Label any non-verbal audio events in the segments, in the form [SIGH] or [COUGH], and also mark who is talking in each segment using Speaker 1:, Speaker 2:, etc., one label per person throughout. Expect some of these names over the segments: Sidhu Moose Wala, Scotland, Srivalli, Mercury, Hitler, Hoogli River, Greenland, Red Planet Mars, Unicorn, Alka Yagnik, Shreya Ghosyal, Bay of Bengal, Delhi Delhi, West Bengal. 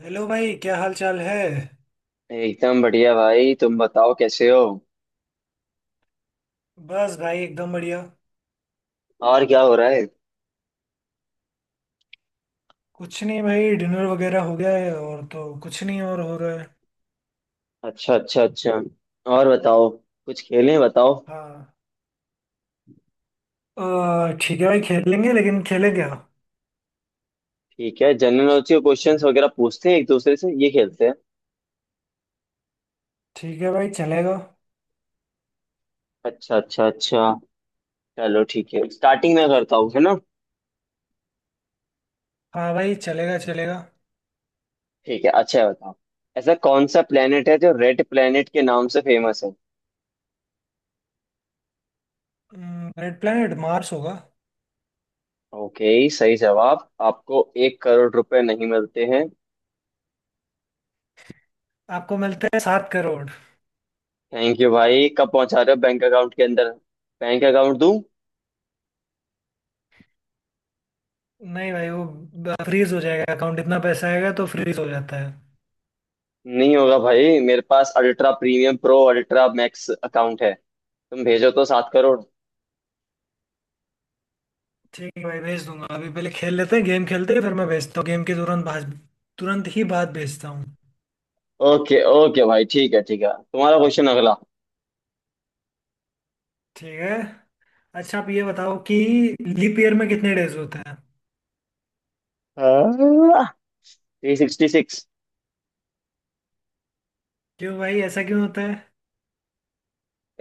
Speaker 1: Hello भाई, क्या हाल चाल है।
Speaker 2: एकदम बढ़िया भाई। तुम बताओ कैसे हो।
Speaker 1: बस भाई, एकदम बढ़िया।
Speaker 2: और क्या हो रहा है।
Speaker 1: कुछ नहीं भाई, डिनर वगैरह हो गया है और तो कुछ नहीं और हो रहा है।
Speaker 2: अच्छा अच्छा अच्छा। और बताओ। कुछ खेलें बताओ।
Speaker 1: हाँ। ठीक है भाई, खेलेंगे लेकिन खेले क्या।
Speaker 2: ठीक है, जनरल नॉलेज के क्वेश्चंस वगैरह पूछते हैं एक दूसरे से, ये खेलते हैं।
Speaker 1: ठीक है भाई, चलेगा।
Speaker 2: अच्छा अच्छा अच्छा। चलो ठीक है, स्टार्टिंग में करता हूँ, है ना।
Speaker 1: हाँ भाई, चलेगा चलेगा।
Speaker 2: ठीक है, अच्छा है, बताओ। ऐसा कौन सा प्लेनेट है जो रेड प्लेनेट के नाम से फेमस है?
Speaker 1: रेड प्लैनेट मार्स होगा।
Speaker 2: ओके, सही जवाब। आपको 1 करोड़ रुपए नहीं मिलते हैं।
Speaker 1: आपको मिलता है 7 करोड़।
Speaker 2: थैंक यू भाई, कब पहुंचा रहे हो बैंक अकाउंट के अंदर? बैंक अकाउंट दूं?
Speaker 1: नहीं भाई, वो फ्रीज हो जाएगा अकाउंट। इतना पैसा आएगा तो फ्रीज हो जाता है।
Speaker 2: नहीं होगा भाई, मेरे पास ultra premium pro ultra max account है। तुम भेजो तो 7 करोड़।
Speaker 1: ठीक है भाई, भेज दूंगा। अभी पहले खेल लेते हैं, गेम खेलते हैं, फिर मैं भेजता हूँ गेम के तुरंत बाद। तुरंत ही बाद भेजता हूँ।
Speaker 2: ओके ओके भाई, ठीक है ठीक है, तुम्हारा क्वेश्चन अगला।
Speaker 1: ठीक है। अच्छा, आप ये बताओ कि लीप ईयर में कितने डेज होते हैं।
Speaker 2: 366।
Speaker 1: क्यों भाई, ऐसा क्यों होता है?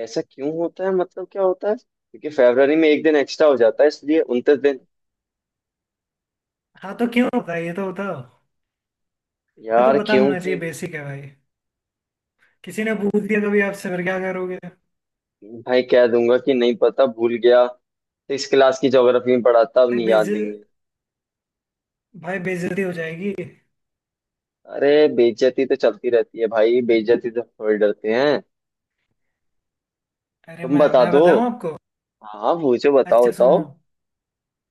Speaker 2: ऐसा क्यों होता है मतलब, क्या होता है? क्योंकि फरवरी में एक दिन एक्स्ट्रा हो जाता है इसलिए 29 दिन।
Speaker 1: हाँ, तो क्यों होता है ये तो बताओ। ये तो
Speaker 2: यार
Speaker 1: पता होना चाहिए,
Speaker 2: क्योंकि,
Speaker 1: बेसिक है भाई। किसी ने पूछ दिया कभी आपसे फिर क्या करोगे?
Speaker 2: भाई कह दूंगा कि नहीं पता, भूल गया। 6 क्लास की ज्योग्राफी में पढ़ा था, अब
Speaker 1: भाई
Speaker 2: नहीं,
Speaker 1: बेज
Speaker 2: याद नहीं है।
Speaker 1: भाई बेइज्जती हो जाएगी।
Speaker 2: अरे बेइज्जती तो चलती रहती है भाई, बेइज्जती तो, थोड़ी डरते हैं।
Speaker 1: अरे,
Speaker 2: तुम
Speaker 1: मैं
Speaker 2: बता
Speaker 1: मैं
Speaker 2: दो।
Speaker 1: बताऊं आपको।
Speaker 2: हाँ पूछो, बताओ
Speaker 1: अच्छा,
Speaker 2: बताओ।
Speaker 1: सुनो।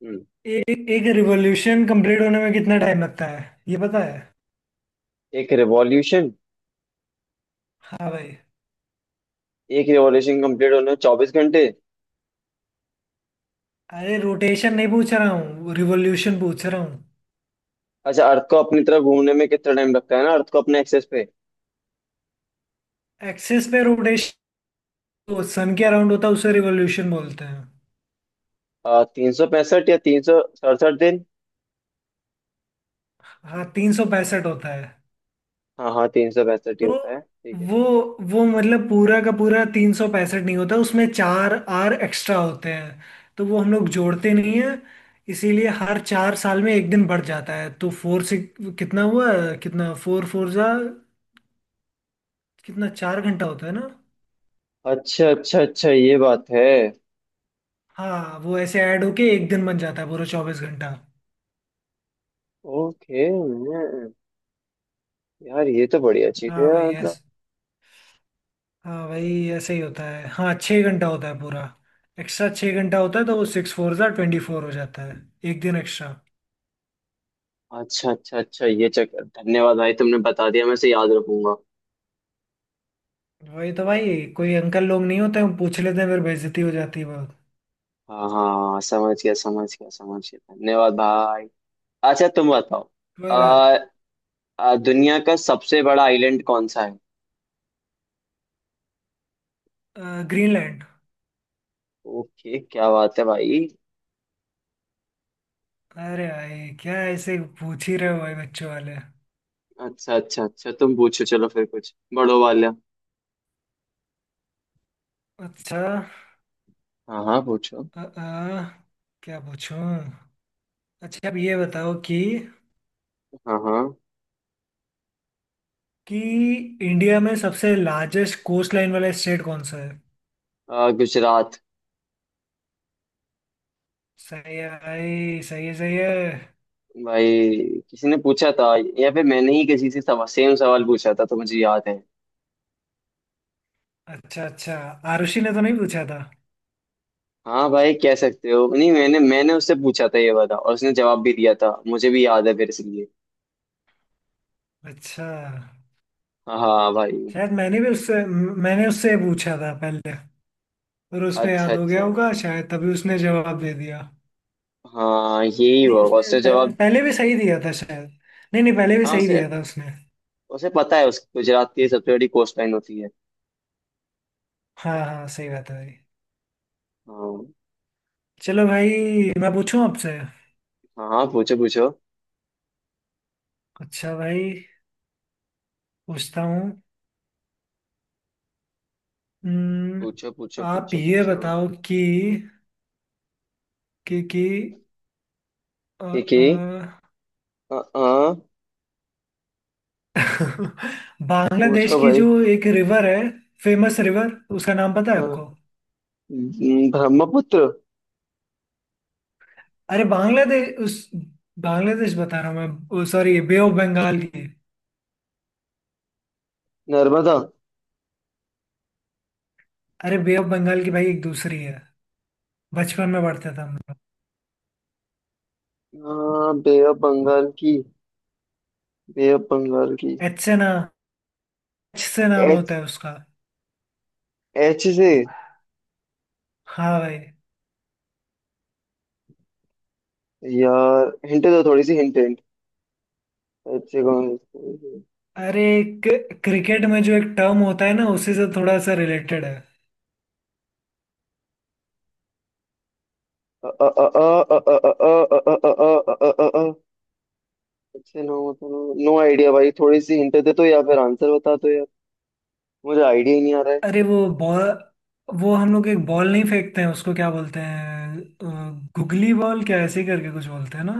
Speaker 2: हम्म।
Speaker 1: एक एक रिवोल्यूशन कंप्लीट होने में कितना टाइम लगता है, ये पता है?
Speaker 2: एक रिवॉल्यूशन
Speaker 1: हाँ भाई।
Speaker 2: एक रिवॉल्यूशन कंप्लीट होने में 24 घंटे।
Speaker 1: अरे, रोटेशन नहीं पूछ रहा हूँ, रिवोल्यूशन पूछ रहा हूँ।
Speaker 2: अच्छा, अर्थ को अपनी तरफ घूमने में कितना टाइम लगता है ना, अर्थ को अपने एक्सेस पे?
Speaker 1: एक्सिस पे रोटेशन। सन के अराउंड होता है उसे रिवोल्यूशन बोलते हैं।
Speaker 2: 365 या 367 दिन।
Speaker 1: हाँ, 365 होता है।
Speaker 2: हाँ हाँ, 365 ही
Speaker 1: तो
Speaker 2: होता है, ठीक है।
Speaker 1: वो वो मतलब पूरा का पूरा 365 नहीं होता, उसमें चार आर एक्स्ट्रा होते हैं। तो वो हम लोग जोड़ते नहीं है। इसीलिए हर 4 साल में एक दिन बढ़ जाता है, तो फोर से कितना हुआ, कितना फोर फोर जा कितना, चार घंटा होता है ना।
Speaker 2: अच्छा अच्छा अच्छा, ये बात है।
Speaker 1: हाँ, वो ऐसे ऐड होके एक दिन बन जाता है पूरा 24 घंटा।
Speaker 2: ओके। यार ये तो बढ़िया चीज है
Speaker 1: हाँ भाई
Speaker 2: यार, मतलब।
Speaker 1: ऐस हाँ भाई, ऐसे ही होता है। हाँ, 6 घंटा होता है पूरा। एक्स्ट्रा 6 घंटा होता है, तो वो सिक्स फोर जा 24 हो जाता है, एक दिन एक्स्ट्रा।
Speaker 2: अच्छा अच्छा अच्छा, ये चक्कर। धन्यवाद भाई, तुमने बता दिया, मैं इसे याद रखूंगा।
Speaker 1: वही तो भाई, कोई अंकल लोग नहीं होते, हम पूछ लेते हैं, फिर बेइज्जती हो जाती है बहुत।
Speaker 2: हाँ हाँ, हाँ, समझ गया समझ गया समझ गया, धन्यवाद भाई। अच्छा, तुम बताओ।
Speaker 1: कोई बात।
Speaker 2: दुनिया का सबसे बड़ा आइलैंड कौन सा है?
Speaker 1: ग्रीनलैंड।
Speaker 2: ओके क्या बात है भाई।
Speaker 1: अरे भाई, क्या ऐसे पूछ ही रहे हो भाई, बच्चों वाले?
Speaker 2: अच्छा अच्छा अच्छा, तुम पूछो, चलो फिर कुछ बड़ो वाला।
Speaker 1: अच्छा।
Speaker 2: हाँ हाँ पूछो।
Speaker 1: अ, अ, क्या पूछूं? अच्छा, अब ये बताओ कि
Speaker 2: हाँ हाँ।
Speaker 1: कि इंडिया में सबसे लार्जेस्ट कोस्ट लाइन वाला स्टेट कौन सा है?
Speaker 2: गुजरात।
Speaker 1: सही है भाई, सही है, सही है।
Speaker 2: भाई, किसी ने पूछा था या फिर मैंने ही किसी से सेम सवाल पूछा था तो मुझे याद है।
Speaker 1: अच्छा अच्छा। आरुषि ने तो नहीं पूछा था?
Speaker 2: हाँ भाई, कह सकते हो। नहीं, मैंने मैंने उससे पूछा था ये वाला, और उसने जवाब भी दिया था, मुझे भी याद है फिर, इसलिए।
Speaker 1: अच्छा।
Speaker 2: हाँ भाई।
Speaker 1: शायद मैंने भी उससे मैंने उससे पूछा था पहले। फिर उसको
Speaker 2: अच्छा
Speaker 1: याद हो गया
Speaker 2: अच्छा।
Speaker 1: होगा शायद, तभी उसने जवाब दे दिया।
Speaker 2: हाँ यही
Speaker 1: नहीं,
Speaker 2: हुआ,
Speaker 1: उसने
Speaker 2: उसने जवाब।
Speaker 1: पहले भी सही दिया था शायद। नहीं नहीं, पहले भी
Speaker 2: हाँ,
Speaker 1: सही
Speaker 2: उसे
Speaker 1: दिया था उसने।
Speaker 2: उसे पता है, उस गुजरात की सबसे बड़ी कोस्ट लाइन होती है।
Speaker 1: हाँ हाँ, सही बात है भाई।
Speaker 2: हाँ
Speaker 1: चलो भाई, मैं पूछूं आपसे।
Speaker 2: हाँ, हाँ, पूछो पूछो
Speaker 1: अच्छा भाई, पूछता हूँ। हम्म,
Speaker 2: पूछो पूछो।
Speaker 1: आप
Speaker 2: पूछो
Speaker 1: ये
Speaker 2: पूछो।
Speaker 1: बताओ कि अ,
Speaker 2: ठीक है।
Speaker 1: अ,
Speaker 2: अ, अ,
Speaker 1: [LAUGHS] बांग्लादेश
Speaker 2: पूछो
Speaker 1: की
Speaker 2: भाई।
Speaker 1: जो एक रिवर है, फेमस रिवर, उसका नाम पता है
Speaker 2: हाँ।
Speaker 1: आपको?
Speaker 2: ब्रह्मपुत्र।
Speaker 1: अरे बांग्लादेश उस बांग्लादेश बता रहा हूँ। मैं सॉरी, बे ऑफ बंगाल की।
Speaker 2: नर्मदा।
Speaker 1: अरे, बे ऑफ बंगाल की भाई, एक दूसरी है। बचपन में पढ़ते थे हम लोग।
Speaker 2: हाँ, बे ऑफ बंगाल की। बे ऑफ बंगाल की।
Speaker 1: एच से ना एच से नाम
Speaker 2: एच।
Speaker 1: होता है उसका।
Speaker 2: एच से।
Speaker 1: हाँ भाई।
Speaker 2: यार हिंट दो, थोड़ी सी हिंट हिंट। एच से कौन?
Speaker 1: अरे, क्रिकेट में जो एक टर्म होता है ना, उसी से थोड़ा सा रिलेटेड है।
Speaker 2: अ अ अ अ अ अ अ अ अ अ अ अ अच्छे, नो। नो आइडिया भाई, थोड़ी सी हिंट दे तो, या फिर आंसर बता दो। मुझे आइडिया ही नहीं आ रहा है।
Speaker 1: अरे वो बॉल वो हम लोग एक बॉल नहीं फेंकते हैं, उसको क्या बोलते हैं, गुगली बॉल, क्या ऐसे ही करके कुछ बोलते हैं ना?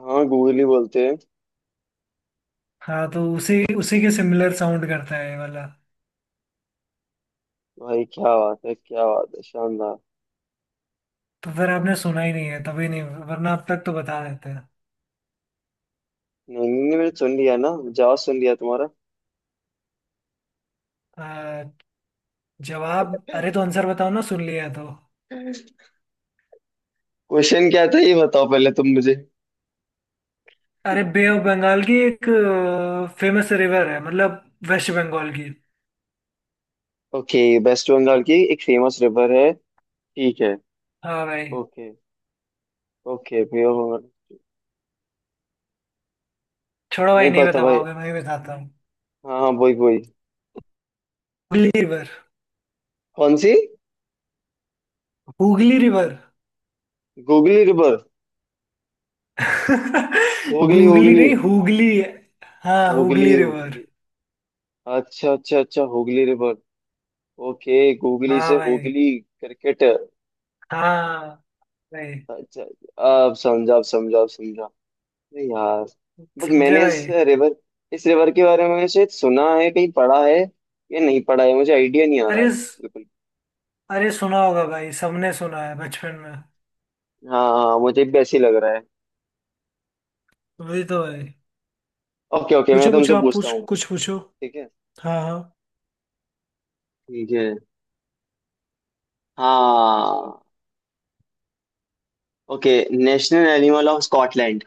Speaker 2: हाँ, गूगल ही बोलते हैं।
Speaker 1: हाँ, तो उसी उसी के सिमिलर साउंड करता है ये वाला।
Speaker 2: भाई क्या बात है, क्या बात है, शानदार।
Speaker 1: तो फिर आपने सुना ही नहीं है तभी, नहीं वरना अब तक तो बता देते हैं।
Speaker 2: नहीं नहीं नहीं, मैंने सुन लिया ना, जवाब सुन लिया तुम्हारा।
Speaker 1: अ, जवाब, अरे तो आंसर बताओ ना, सुन लिया तो।
Speaker 2: क्वेश्चन क्या था ये बताओ पहले तुम मुझे।
Speaker 1: अरे, बे ऑफ बंगाल की एक फेमस रिवर है, मतलब वेस्ट बंगाल की।
Speaker 2: ओके। वेस्ट बंगाल की एक फेमस रिवर है। ठीक है।
Speaker 1: हाँ भाई।
Speaker 2: Okay okay pure.
Speaker 1: छोड़ो भाई,
Speaker 2: नहीं
Speaker 1: नहीं
Speaker 2: पता
Speaker 1: बता
Speaker 2: भाई।
Speaker 1: पाओगे, मैं ही बताता हूँ।
Speaker 2: हाँ हाँ वही वही।
Speaker 1: हुगली रिवर।
Speaker 2: कौन सी?
Speaker 1: Hooghly river.
Speaker 2: Googly river.
Speaker 1: [LAUGHS]
Speaker 2: Hooghly
Speaker 1: googly
Speaker 2: होगली।
Speaker 1: नहीं, हुगली है। हाँ, हुगली
Speaker 2: होगली
Speaker 1: रिवर।
Speaker 2: होगली। अच्छा अच्छा अच्छा, होगली रिवर। ओके, गोगली
Speaker 1: हाँ
Speaker 2: से
Speaker 1: भाई।
Speaker 2: होगली क्रिकेट।
Speaker 1: हाँ भाई।
Speaker 2: अच्छा। अब समझा अब समझा अब समझा। अरे यार। बट
Speaker 1: समझे
Speaker 2: मैंने
Speaker 1: भाई?
Speaker 2: इस रिवर के बारे में शायद सुना है, कहीं पढ़ा है या नहीं पढ़ा है, मुझे आइडिया नहीं आ रहा
Speaker 1: अरे
Speaker 2: है
Speaker 1: स-
Speaker 2: बिल्कुल।
Speaker 1: अरे, सुना होगा भाई, सबने सुना है बचपन में।
Speaker 2: हाँ हाँ हाँ, मुझे भी ऐसे ही लग रहा है।
Speaker 1: वही तो भाई।
Speaker 2: ओके ओके, मैं
Speaker 1: पूछो
Speaker 2: तुमसे
Speaker 1: पूछो, आप
Speaker 2: पूछता
Speaker 1: पूछ
Speaker 2: हूँ।
Speaker 1: कुछ पूछो।
Speaker 2: ठीक है।
Speaker 1: हाँ हाँ।
Speaker 2: ठीक है। हाँ। Okay. National animal of Scotland.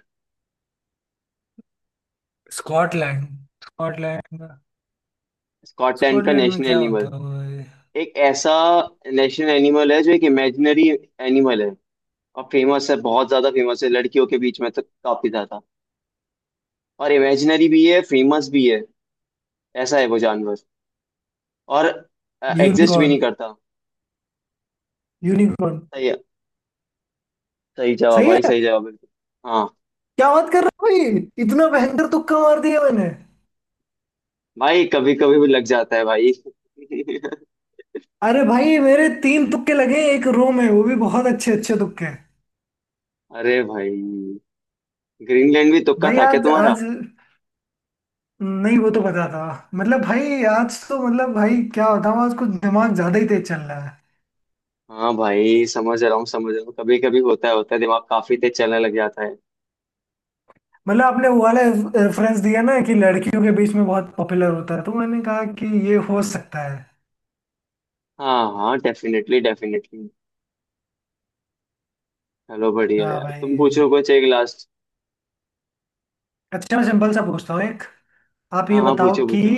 Speaker 1: Scotland, Scotland.
Speaker 2: Scotland का
Speaker 1: स्कॉटलैंड में
Speaker 2: नेशनल
Speaker 1: क्या होता
Speaker 2: एनिमल।
Speaker 1: होगा भाई?
Speaker 2: एक ऐसा नेशनल एनिमल है जो एक इमेजिनरी एनिमल है, और फेमस है, बहुत ज्यादा फेमस है लड़कियों के बीच में तो काफी ज्यादा, और इमेजिनरी भी है फेमस भी है, ऐसा है वो जानवर, और एग्जिस्ट भी
Speaker 1: यूनिकॉर्न।
Speaker 2: नहीं करता।
Speaker 1: यूनिकॉर्न।
Speaker 2: सही है। सही जवाब
Speaker 1: सही है।
Speaker 2: भाई, सही जवाब बिल्कुल। हाँ
Speaker 1: क्या बात कर रहा हूँ भाई, इतना भयंकर तुक्का मार दिया मैंने।
Speaker 2: भाई, कभी कभी भी लग जाता है भाई। [LAUGHS]
Speaker 1: अरे भाई, मेरे तीन तुक्के लगे एक रो में, वो भी बहुत अच्छे अच्छे तुक्के।
Speaker 2: अरे भाई, ग्रीनलैंड भी तुक्का
Speaker 1: भाई
Speaker 2: था क्या
Speaker 1: आज
Speaker 2: तुम्हारा?
Speaker 1: आज नहीं, वो तो पता था। मतलब भाई आज तो मतलब भाई क्या बताऊँ, आज कुछ दिमाग ज्यादा ही तेज चल रहा है।
Speaker 2: हाँ भाई, समझ रहा हूँ समझ रहा हूँ, कभी कभी होता है, होता है, दिमाग काफी तेज चलने लग जाता है।
Speaker 1: मतलब आपने वो वाला रेफरेंस दिया ना कि लड़कियों के बीच में बहुत पॉपुलर होता है, तो मैंने कहा कि ये हो सकता है।
Speaker 2: हाँ हाँ, डेफिनेटली डेफिनेटली। चलो बढ़िया
Speaker 1: हाँ
Speaker 2: यार, तुम
Speaker 1: भाई।
Speaker 2: पूछो कुछ एक लास्ट।
Speaker 1: अच्छा, मैं सिंपल सा पूछता हूँ एक। आप ये
Speaker 2: हाँ हाँ
Speaker 1: बताओ
Speaker 2: पूछो
Speaker 1: कि
Speaker 2: पूछो।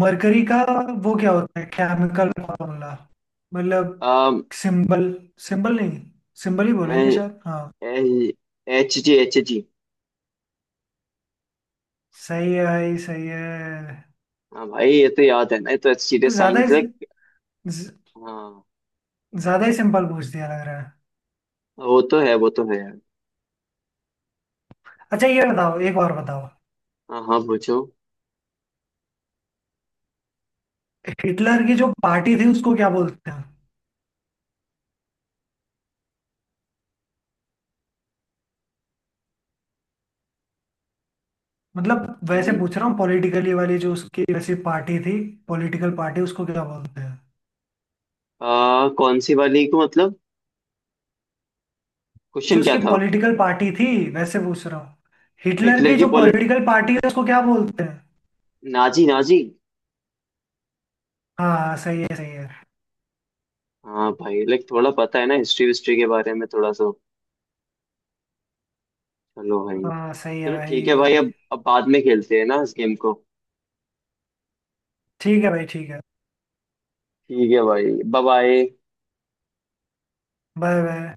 Speaker 1: मरकरी का वो क्या होता है केमिकल फॉर्मूला, मतलब
Speaker 2: अम
Speaker 1: सिंबल। सिंबल नहीं, सिंबल ही
Speaker 2: ए,
Speaker 1: बोलेंगे शायद, हाँ।
Speaker 2: ए, Hg Hg।
Speaker 1: सही है भाई, सही है।
Speaker 2: हाँ भाई, ये तो याद है ना, ये तो सीरियस
Speaker 1: ज्यादा
Speaker 2: साइंस
Speaker 1: ही
Speaker 2: लाइक।
Speaker 1: ज-
Speaker 2: हाँ,
Speaker 1: ज्यादा ही सिंपल पूछ दिया लग रहा है।
Speaker 2: वो तो है, वो तो है यार।
Speaker 1: अच्छा, ये बताओ, एक और बताओ।
Speaker 2: हाँ हाँ पूछो।
Speaker 1: हिटलर की जो पार्टी थी उसको क्या बोलते हैं, मतलब वैसे
Speaker 2: हम्म,
Speaker 1: पूछ रहा हूँ पॉलिटिकली वाली जो उसकी वैसी पार्टी थी। पॉलिटिकल पार्टी उसको क्या बोलते हैं?
Speaker 2: कौन सी वाली को, मतलब?
Speaker 1: जो
Speaker 2: क्वेश्चन क्या
Speaker 1: उसकी
Speaker 2: था?
Speaker 1: पॉलिटिकल पार्टी थी, वैसे पूछ रहा हूँ, हिटलर
Speaker 2: हिटलर
Speaker 1: की
Speaker 2: की
Speaker 1: जो
Speaker 2: पॉलिट
Speaker 1: पॉलिटिकल पार्टी है उसको क्या बोलते हैं?
Speaker 2: Nazi Nazi.
Speaker 1: हाँ हाँ, सही है, सही है।
Speaker 2: हाँ भाई, लाइक थोड़ा पता है ना हिस्ट्री, हिस्ट्री के बारे में थोड़ा सा। चलो भाई।
Speaker 1: हाँ, सही है
Speaker 2: चलो ठीक है भाई,
Speaker 1: भाई।
Speaker 2: अब बाद में खेलते हैं ना इस गेम को।
Speaker 1: ठीक है भाई, ठीक है।
Speaker 2: ठीक है भाई। Bye bye.
Speaker 1: Bye bye.